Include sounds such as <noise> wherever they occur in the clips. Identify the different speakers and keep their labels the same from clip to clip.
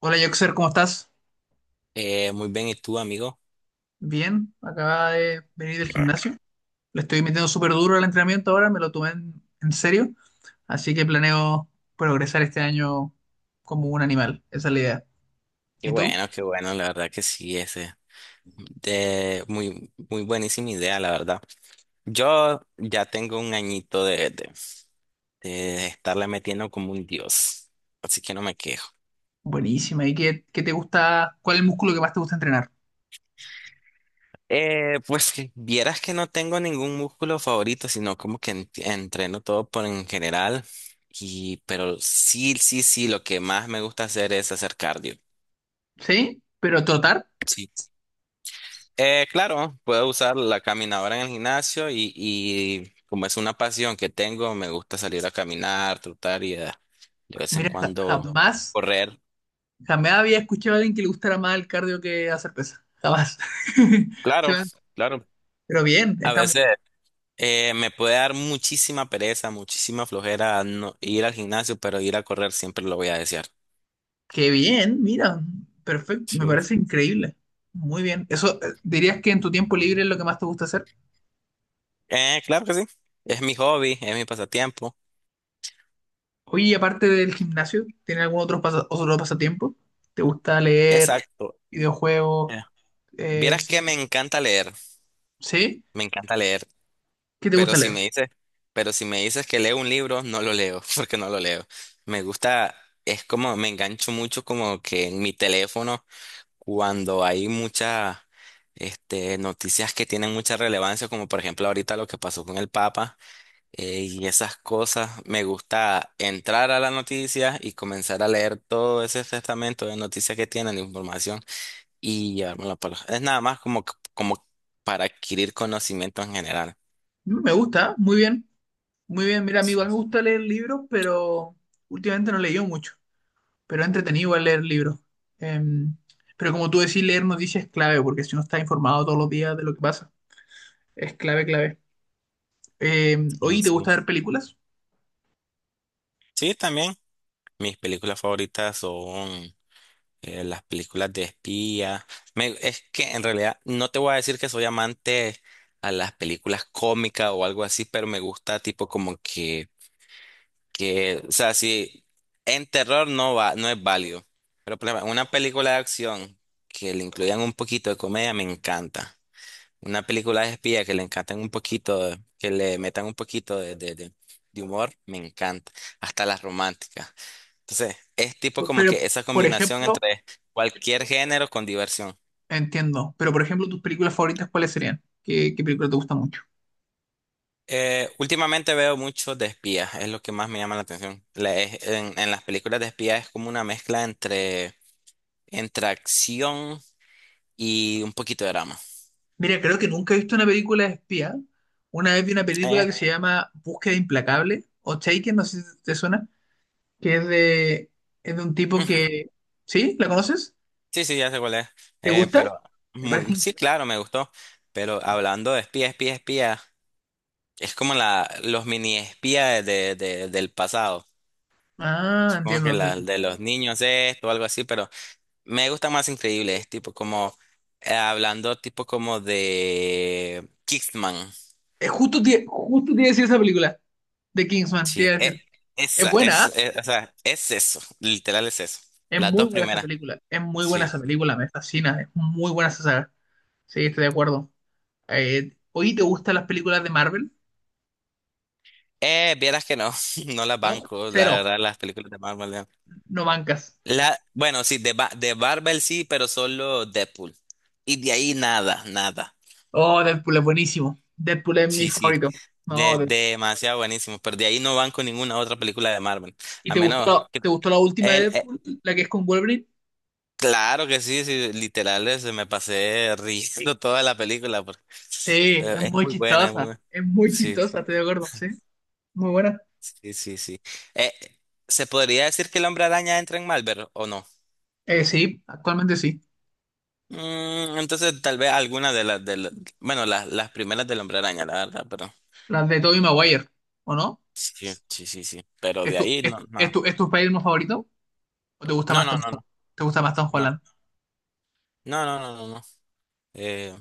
Speaker 1: Hola Joxer, ¿cómo estás?
Speaker 2: Muy bien, ¿y tú, amigo?
Speaker 1: Bien, acaba de venir del gimnasio. Le estoy metiendo súper duro al entrenamiento ahora, me lo tomé en serio, así que planeo progresar este año como un animal, esa es la idea. ¿Y tú?
Speaker 2: Qué bueno, la verdad que sí, ese. De, muy, muy buenísima idea, la verdad. Yo ya tengo un añito de estarle metiendo como un dios, así que no me quejo.
Speaker 1: Buenísima, ¿y qué te gusta? ¿Cuál es el músculo que más te gusta entrenar?
Speaker 2: Pues que vieras que no tengo ningún músculo favorito, sino como que entreno todo por en general. Y pero sí, sí, sí, lo que más me gusta hacer es hacer cardio.
Speaker 1: ¿Sí? ¿Pero trotar?
Speaker 2: Sí. Claro, puedo usar la caminadora en el gimnasio, y como es una pasión que tengo, me gusta salir a caminar, trotar y, de vez en
Speaker 1: Mira,
Speaker 2: cuando,
Speaker 1: jamás,
Speaker 2: correr.
Speaker 1: jamás había escuchado a alguien que le gustara más el cardio que hacer pesas, jamás. <laughs> Se
Speaker 2: Claro,
Speaker 1: me-
Speaker 2: claro.
Speaker 1: Pero bien,
Speaker 2: A
Speaker 1: estamos.
Speaker 2: veces, me puede dar muchísima pereza, muchísima flojera no ir al gimnasio, pero ir a correr siempre lo voy a desear.
Speaker 1: Qué bien, mira, perfecto, me
Speaker 2: Sí.
Speaker 1: parece increíble. Muy bien. Eso, ¿dirías que en tu tiempo libre es lo que más te gusta hacer?
Speaker 2: Claro que sí, es mi hobby, es mi pasatiempo.
Speaker 1: Oye, y aparte del gimnasio, ¿tienes algún otro pasatiempo? ¿Te gusta leer,
Speaker 2: Exacto.
Speaker 1: videojuegos,
Speaker 2: Eh, Vieras que me
Speaker 1: cine?
Speaker 2: encanta leer,
Speaker 1: ¿Sí?
Speaker 2: me encanta leer.
Speaker 1: ¿Qué te
Speaker 2: Pero
Speaker 1: gusta
Speaker 2: si
Speaker 1: leer?
Speaker 2: me dices, pero si me dices que leo un libro, no lo leo, <laughs> porque no lo leo. Me gusta, es como, me engancho mucho como que en mi teléfono, cuando hay muchas, noticias que tienen mucha relevancia, como por ejemplo ahorita lo que pasó con el Papa, y esas cosas. Me gusta entrar a la noticia y comenzar a leer todo ese testamento de noticias que tienen, de información, y llevármelo para. Es nada más como para adquirir conocimiento en general.
Speaker 1: Me gusta, muy bien, muy bien. Mira, a mí
Speaker 2: Sí,
Speaker 1: igual me gusta leer libros, pero últimamente no he leído mucho, pero he entretenido igual leer libros. Em, pero como tú decís, leer noticias es clave, porque si uno está informado todos los días de lo que pasa, es clave, clave. Oye, ¿te gusta
Speaker 2: sí.
Speaker 1: ver películas?
Speaker 2: Sí, también. Mis películas favoritas son, las películas de espía. Es que en realidad no te voy a decir que soy amante a las películas cómicas o algo así, pero me gusta tipo como que, o sea, si en terror no va, no es válido. Pero por ejemplo, una película de acción que le incluyan un poquito de comedia me encanta. Una película de espía que le encantan un poquito, que le metan un poquito de humor, me encanta. Hasta las románticas. Entonces es tipo como
Speaker 1: Pero,
Speaker 2: que esa
Speaker 1: por
Speaker 2: combinación
Speaker 1: ejemplo,
Speaker 2: entre cualquier género con diversión.
Speaker 1: Entiendo, pero por ejemplo, tus películas favoritas, ¿cuáles serían? ¿Qué película te gusta mucho?
Speaker 2: Últimamente veo mucho de espías, es lo que más me llama la atención. En las películas de espías es como una mezcla entre acción y un poquito de drama.
Speaker 1: Mira, creo que nunca he visto una película de espía. Una vez vi una
Speaker 2: Eh,
Speaker 1: película que se llama Búsqueda Implacable o Taken, no sé si te suena, que es de un tipo
Speaker 2: Ujú.
Speaker 1: que. ¿Sí? ¿La conoces?
Speaker 2: Sí, sí, ya sé cuál es.
Speaker 1: ¿Te
Speaker 2: Eh,
Speaker 1: gusta?
Speaker 2: pero
Speaker 1: Me parece.
Speaker 2: sí, claro, me gustó. Pero hablando de espía, espía, espía, es como los mini espías del pasado.
Speaker 1: Ah,
Speaker 2: Supongo
Speaker 1: entiendo,
Speaker 2: que la
Speaker 1: entiendo.
Speaker 2: de los niños esto o algo así, pero me gusta más increíbles, tipo como, hablando tipo como de Kickman.
Speaker 1: Es justo, justo te iba a decir esa película de Kingsman, te
Speaker 2: Sí,
Speaker 1: iba a decir. Es
Speaker 2: esa
Speaker 1: buena,
Speaker 2: es,
Speaker 1: ¿ah?
Speaker 2: o sea, es eso, literal es eso.
Speaker 1: Es
Speaker 2: Las
Speaker 1: muy
Speaker 2: dos
Speaker 1: buena esa
Speaker 2: primeras,
Speaker 1: película, es muy buena
Speaker 2: sí.
Speaker 1: esa película, me fascina, es muy buena esa saga. Sí, estoy de acuerdo. ¿Hoy te gustan las películas de Marvel?
Speaker 2: Vieras que no, <laughs> no las
Speaker 1: ¿No?
Speaker 2: banco, la
Speaker 1: Cero,
Speaker 2: verdad, las películas de Marvel. No.
Speaker 1: no bancas.
Speaker 2: La, bueno, sí, de Marvel sí, pero solo Deadpool. Y de ahí nada, nada.
Speaker 1: Oh, Deadpool es buenísimo. Deadpool es mi
Speaker 2: Sí, sí,
Speaker 1: favorito. No, Deadpool.
Speaker 2: demasiado buenísimo, pero de ahí no banco ninguna otra película de Marvel.
Speaker 1: ¿Y
Speaker 2: A
Speaker 1: te
Speaker 2: menos
Speaker 1: gustó,
Speaker 2: que.
Speaker 1: te gustó la última de
Speaker 2: El, e,
Speaker 1: Deadpool, la que es con Wolverine?
Speaker 2: Claro que sí, sí, literal, se me pasé riendo. Sí. Toda la película,
Speaker 1: Sí,
Speaker 2: pero es muy buena, es muy buena.
Speaker 1: es muy
Speaker 2: Sí,
Speaker 1: chistosa, estoy de acuerdo, sí, muy buena.
Speaker 2: sí, sí, sí. Eh, ¿Se podría decir que el hombre araña entra en Marvel o no?
Speaker 1: Sí, actualmente sí.
Speaker 2: Entonces tal vez alguna de las, de la- bueno, las primeras del hombre araña, la verdad, pero
Speaker 1: Las de Tobey Maguire, ¿o no?
Speaker 2: sí, sí, sí, sí. Pero
Speaker 1: ¿Es
Speaker 2: de
Speaker 1: tu,
Speaker 2: ahí
Speaker 1: es,
Speaker 2: no,
Speaker 1: es
Speaker 2: no,
Speaker 1: tu, es tu Spider-Man favorito? ¿O te gusta
Speaker 2: no,
Speaker 1: más
Speaker 2: no, no,
Speaker 1: Tom
Speaker 2: no,
Speaker 1: Holland?
Speaker 2: no, no, no, no, no, no. Eh,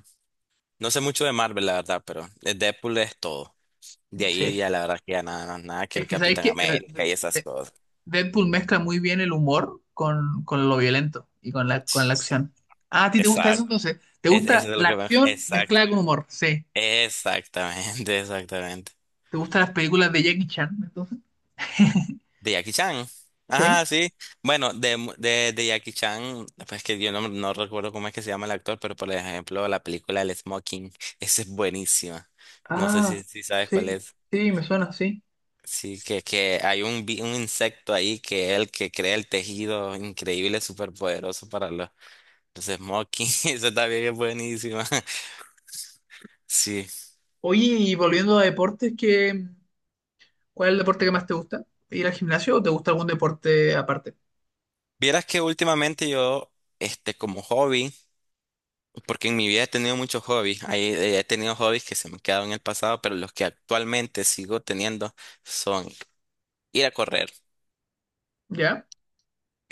Speaker 2: no sé mucho de Marvel, la verdad, pero de Deadpool es todo. De ahí
Speaker 1: Sí,
Speaker 2: ya la verdad que ya nada, nada, que
Speaker 1: es
Speaker 2: el
Speaker 1: que sabéis
Speaker 2: Capitán
Speaker 1: que
Speaker 2: América y esas cosas.
Speaker 1: Deadpool mezcla muy bien el humor con lo violento y con la acción. Ah, ¿a ti te gusta eso
Speaker 2: Exacto.
Speaker 1: entonces? ¿Te gusta
Speaker 2: Eso es lo
Speaker 1: la
Speaker 2: que pasa.
Speaker 1: acción
Speaker 2: Exacto.
Speaker 1: mezclada con humor? Sí.
Speaker 2: Exactamente, <laughs> exactamente.
Speaker 1: ¿Te gustan las películas de Jackie Chan entonces?
Speaker 2: De Jackie Chan.
Speaker 1: Sí.
Speaker 2: Ajá, sí. Bueno, de Jackie Chan, pues que yo no recuerdo cómo es que se llama el actor, pero por ejemplo, la película El Smoking, esa es buenísima. No sé
Speaker 1: Ah,
Speaker 2: si sabes cuál
Speaker 1: sí,
Speaker 2: es.
Speaker 1: sí, me suena, sí.
Speaker 2: Sí, que hay un insecto ahí que es el que crea el tejido increíble, súper poderoso para los Smoking. <laughs> Eso también es buenísima. <laughs> Sí.
Speaker 1: Oye, y volviendo a deportes, cuál es el deporte que más te gusta? ¿Ir al gimnasio o te gusta algún deporte aparte?
Speaker 2: Vieras que últimamente yo, como hobby. Porque en mi vida he tenido muchos hobbies. He tenido hobbies que se me quedaron en el pasado, pero los que actualmente sigo teniendo son ir a correr.
Speaker 1: ¿Ya?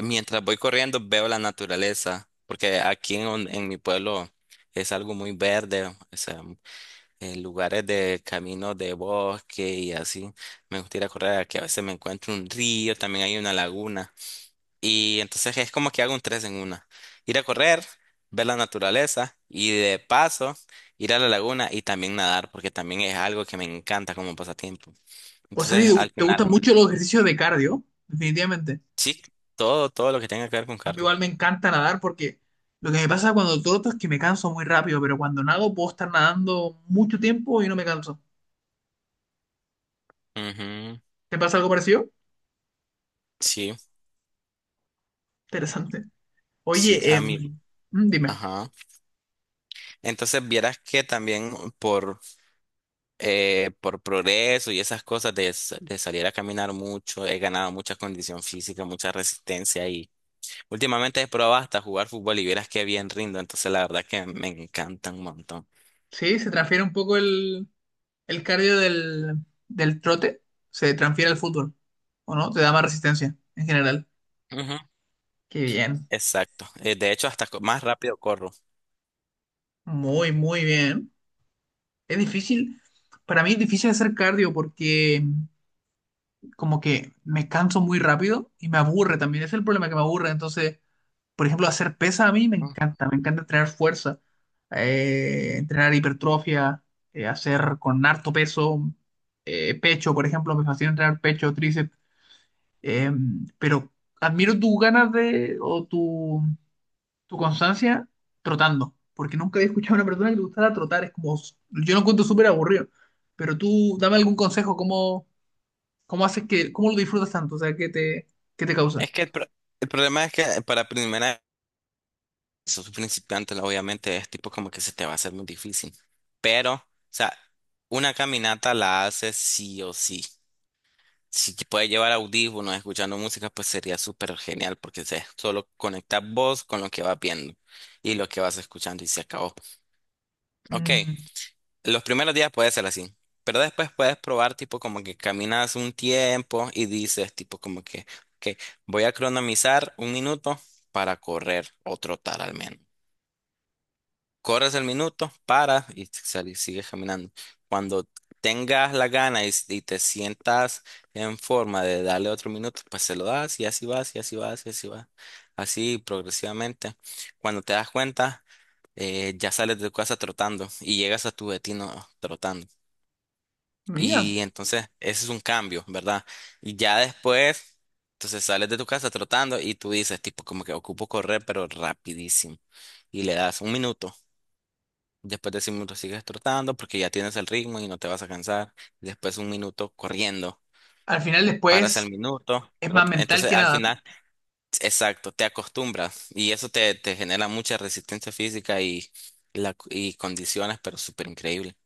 Speaker 2: Mientras voy corriendo veo la naturaleza, porque aquí en mi pueblo es algo muy verde, o sea, lugares de caminos de bosque y así. Me gusta ir a correr, aquí a veces me encuentro un río, también hay una laguna. Y entonces es como que hago un tres en una. Ir a correr, ver la naturaleza y de paso ir a la laguna y también nadar, porque también es algo que me encanta como pasatiempo.
Speaker 1: O sea,
Speaker 2: Entonces
Speaker 1: si
Speaker 2: al
Speaker 1: te gustan
Speaker 2: final,
Speaker 1: mucho los ejercicios de cardio, definitivamente.
Speaker 2: sí, todo lo que tenga que ver con
Speaker 1: A mí
Speaker 2: cardio.
Speaker 1: igual me encanta nadar porque lo que me pasa cuando troto es que me canso muy rápido, pero cuando nado puedo estar nadando mucho tiempo y no me canso.
Speaker 2: Ujú.
Speaker 1: ¿Te pasa algo parecido?
Speaker 2: Sí,
Speaker 1: Interesante.
Speaker 2: sí,
Speaker 1: Oye,
Speaker 2: a mí.
Speaker 1: dime,
Speaker 2: Ajá. Entonces vieras que también por, por progreso y esas cosas de salir a caminar mucho, he ganado mucha condición física, mucha resistencia y, últimamente, he probado hasta jugar fútbol y vieras qué bien rindo, entonces la verdad que me encanta un montón.
Speaker 1: ¿sí? ¿Se transfiere un poco el cardio del trote? ¿Se transfiere al fútbol? ¿O no? ¿Te da más resistencia en general?
Speaker 2: Ujú.
Speaker 1: Qué bien.
Speaker 2: Exacto. De hecho, hasta más rápido corro.
Speaker 1: Muy, muy bien. Es difícil. Para mí es difícil hacer cardio porque como que me canso muy rápido y me aburre también. Ese es el problema que me aburre. Entonces. Por ejemplo, hacer pesas a mí
Speaker 2: Ujú.
Speaker 1: me encanta entrenar fuerza, entrenar hipertrofia, hacer con harto peso, pecho, por ejemplo, me fascina entrenar pecho, tríceps, eh, pero admiro tus ganas de, o tu, constancia trotando, porque nunca había escuchado a una persona que le gustara trotar, es como, yo lo encuentro súper aburrido, pero tú dame algún consejo, cómo lo disfrutas tanto? O sea, ¿qué te causa?
Speaker 2: Es que el problema es que para primera vez, sos principiante, obviamente es tipo como que se te va a hacer muy difícil. Pero, o sea, una caminata la haces sí o sí. Si te puedes llevar audífonos escuchando música, pues sería súper genial, porque es solo conectar vos con lo que vas viendo y lo que vas escuchando, y se acabó. Ok.
Speaker 1: Mm,
Speaker 2: Los primeros días puede ser así, pero después puedes probar tipo como que caminas un tiempo y dices tipo como que, ok, voy a cronomizar un minuto para correr o trotar al menos. Corres el minuto, para y sigues caminando. Cuando tengas la gana y te sientas en forma de darle otro minuto, pues se lo das y así vas y así vas y así vas. Así progresivamente. Cuando te das cuenta, ya sales de tu casa trotando y llegas a tu destino trotando.
Speaker 1: Mira,
Speaker 2: Y entonces ese es un cambio, ¿verdad? Y ya después, entonces sales de tu casa trotando y tú dices tipo como que ocupo correr, pero rapidísimo. Y le das un minuto. Después de ese minuto sigues trotando porque ya tienes el ritmo y no te vas a cansar. Después, un minuto corriendo.
Speaker 1: al final
Speaker 2: Paras
Speaker 1: después
Speaker 2: el minuto,
Speaker 1: es más
Speaker 2: trotas.
Speaker 1: mental
Speaker 2: Entonces
Speaker 1: que
Speaker 2: al
Speaker 1: nada, ¿no?
Speaker 2: final, exacto, te acostumbras. Y eso te genera mucha resistencia física y condiciones, pero súper increíble.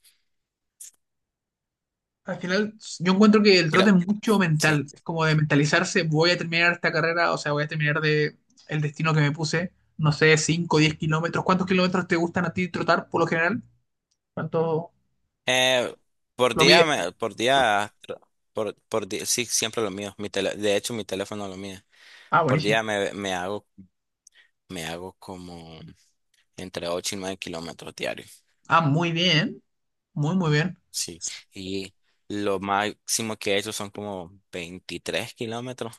Speaker 1: Al final, yo encuentro que el
Speaker 2: Creo-
Speaker 1: trote es mucho mental,
Speaker 2: Sí.
Speaker 1: es como de mentalizarse, voy a terminar esta carrera, o sea, voy a terminar de el destino que me puse, no sé, 5, 10 kilómetros. ¿Cuántos kilómetros te gustan a ti trotar por lo general? ¿Cuánto
Speaker 2: Eh, por
Speaker 1: lo
Speaker 2: día,
Speaker 1: mide?
Speaker 2: por día, por día, sí, siempre lo mío. De hecho, mi teléfono lo mío.
Speaker 1: Ah,
Speaker 2: Por
Speaker 1: buenísimo.
Speaker 2: día me hago como entre 8 y 9 kilómetros diarios.
Speaker 1: Ah, muy bien, muy, muy bien.
Speaker 2: Sí. Y lo máximo que he hecho son como 23 kilómetros.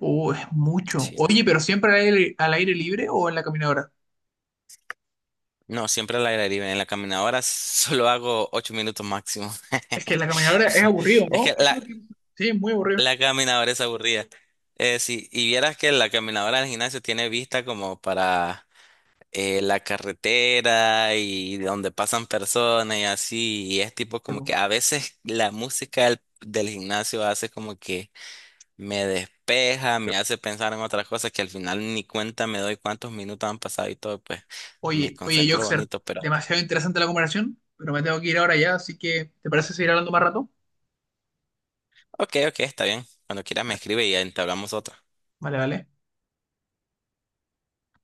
Speaker 1: Es mucho.
Speaker 2: Sí.
Speaker 1: Oye, pero ¿siempre al aire libre o en la caminadora?
Speaker 2: No, siempre al aire libre. En la caminadora, <laughs> solo hago 8 minutos máximo.
Speaker 1: Es que en la
Speaker 2: <laughs>
Speaker 1: caminadora es aburrido,
Speaker 2: Es
Speaker 1: ¿no?
Speaker 2: que
Speaker 1: Eso
Speaker 2: la,
Speaker 1: es lo que. Sí, es muy aburrido.
Speaker 2: la caminadora es aburrida. Sí, y vieras que la caminadora del gimnasio tiene vista como para, la carretera, y donde pasan personas y así. Y es tipo como que a veces la música del gimnasio hace como que me despeja, me hace pensar en otras cosas, que al final ni cuenta me doy cuántos minutos han pasado y todo, pues me
Speaker 1: Oye, oye,
Speaker 2: concentro
Speaker 1: Joxer,
Speaker 2: bonito. Pero
Speaker 1: demasiado interesante la conversación, pero me tengo que ir ahora ya, así que ¿te parece seguir hablando más rato?
Speaker 2: ok, ok, está bien. Cuando quieras me escribe y entablamos otra.
Speaker 1: Vale, vale.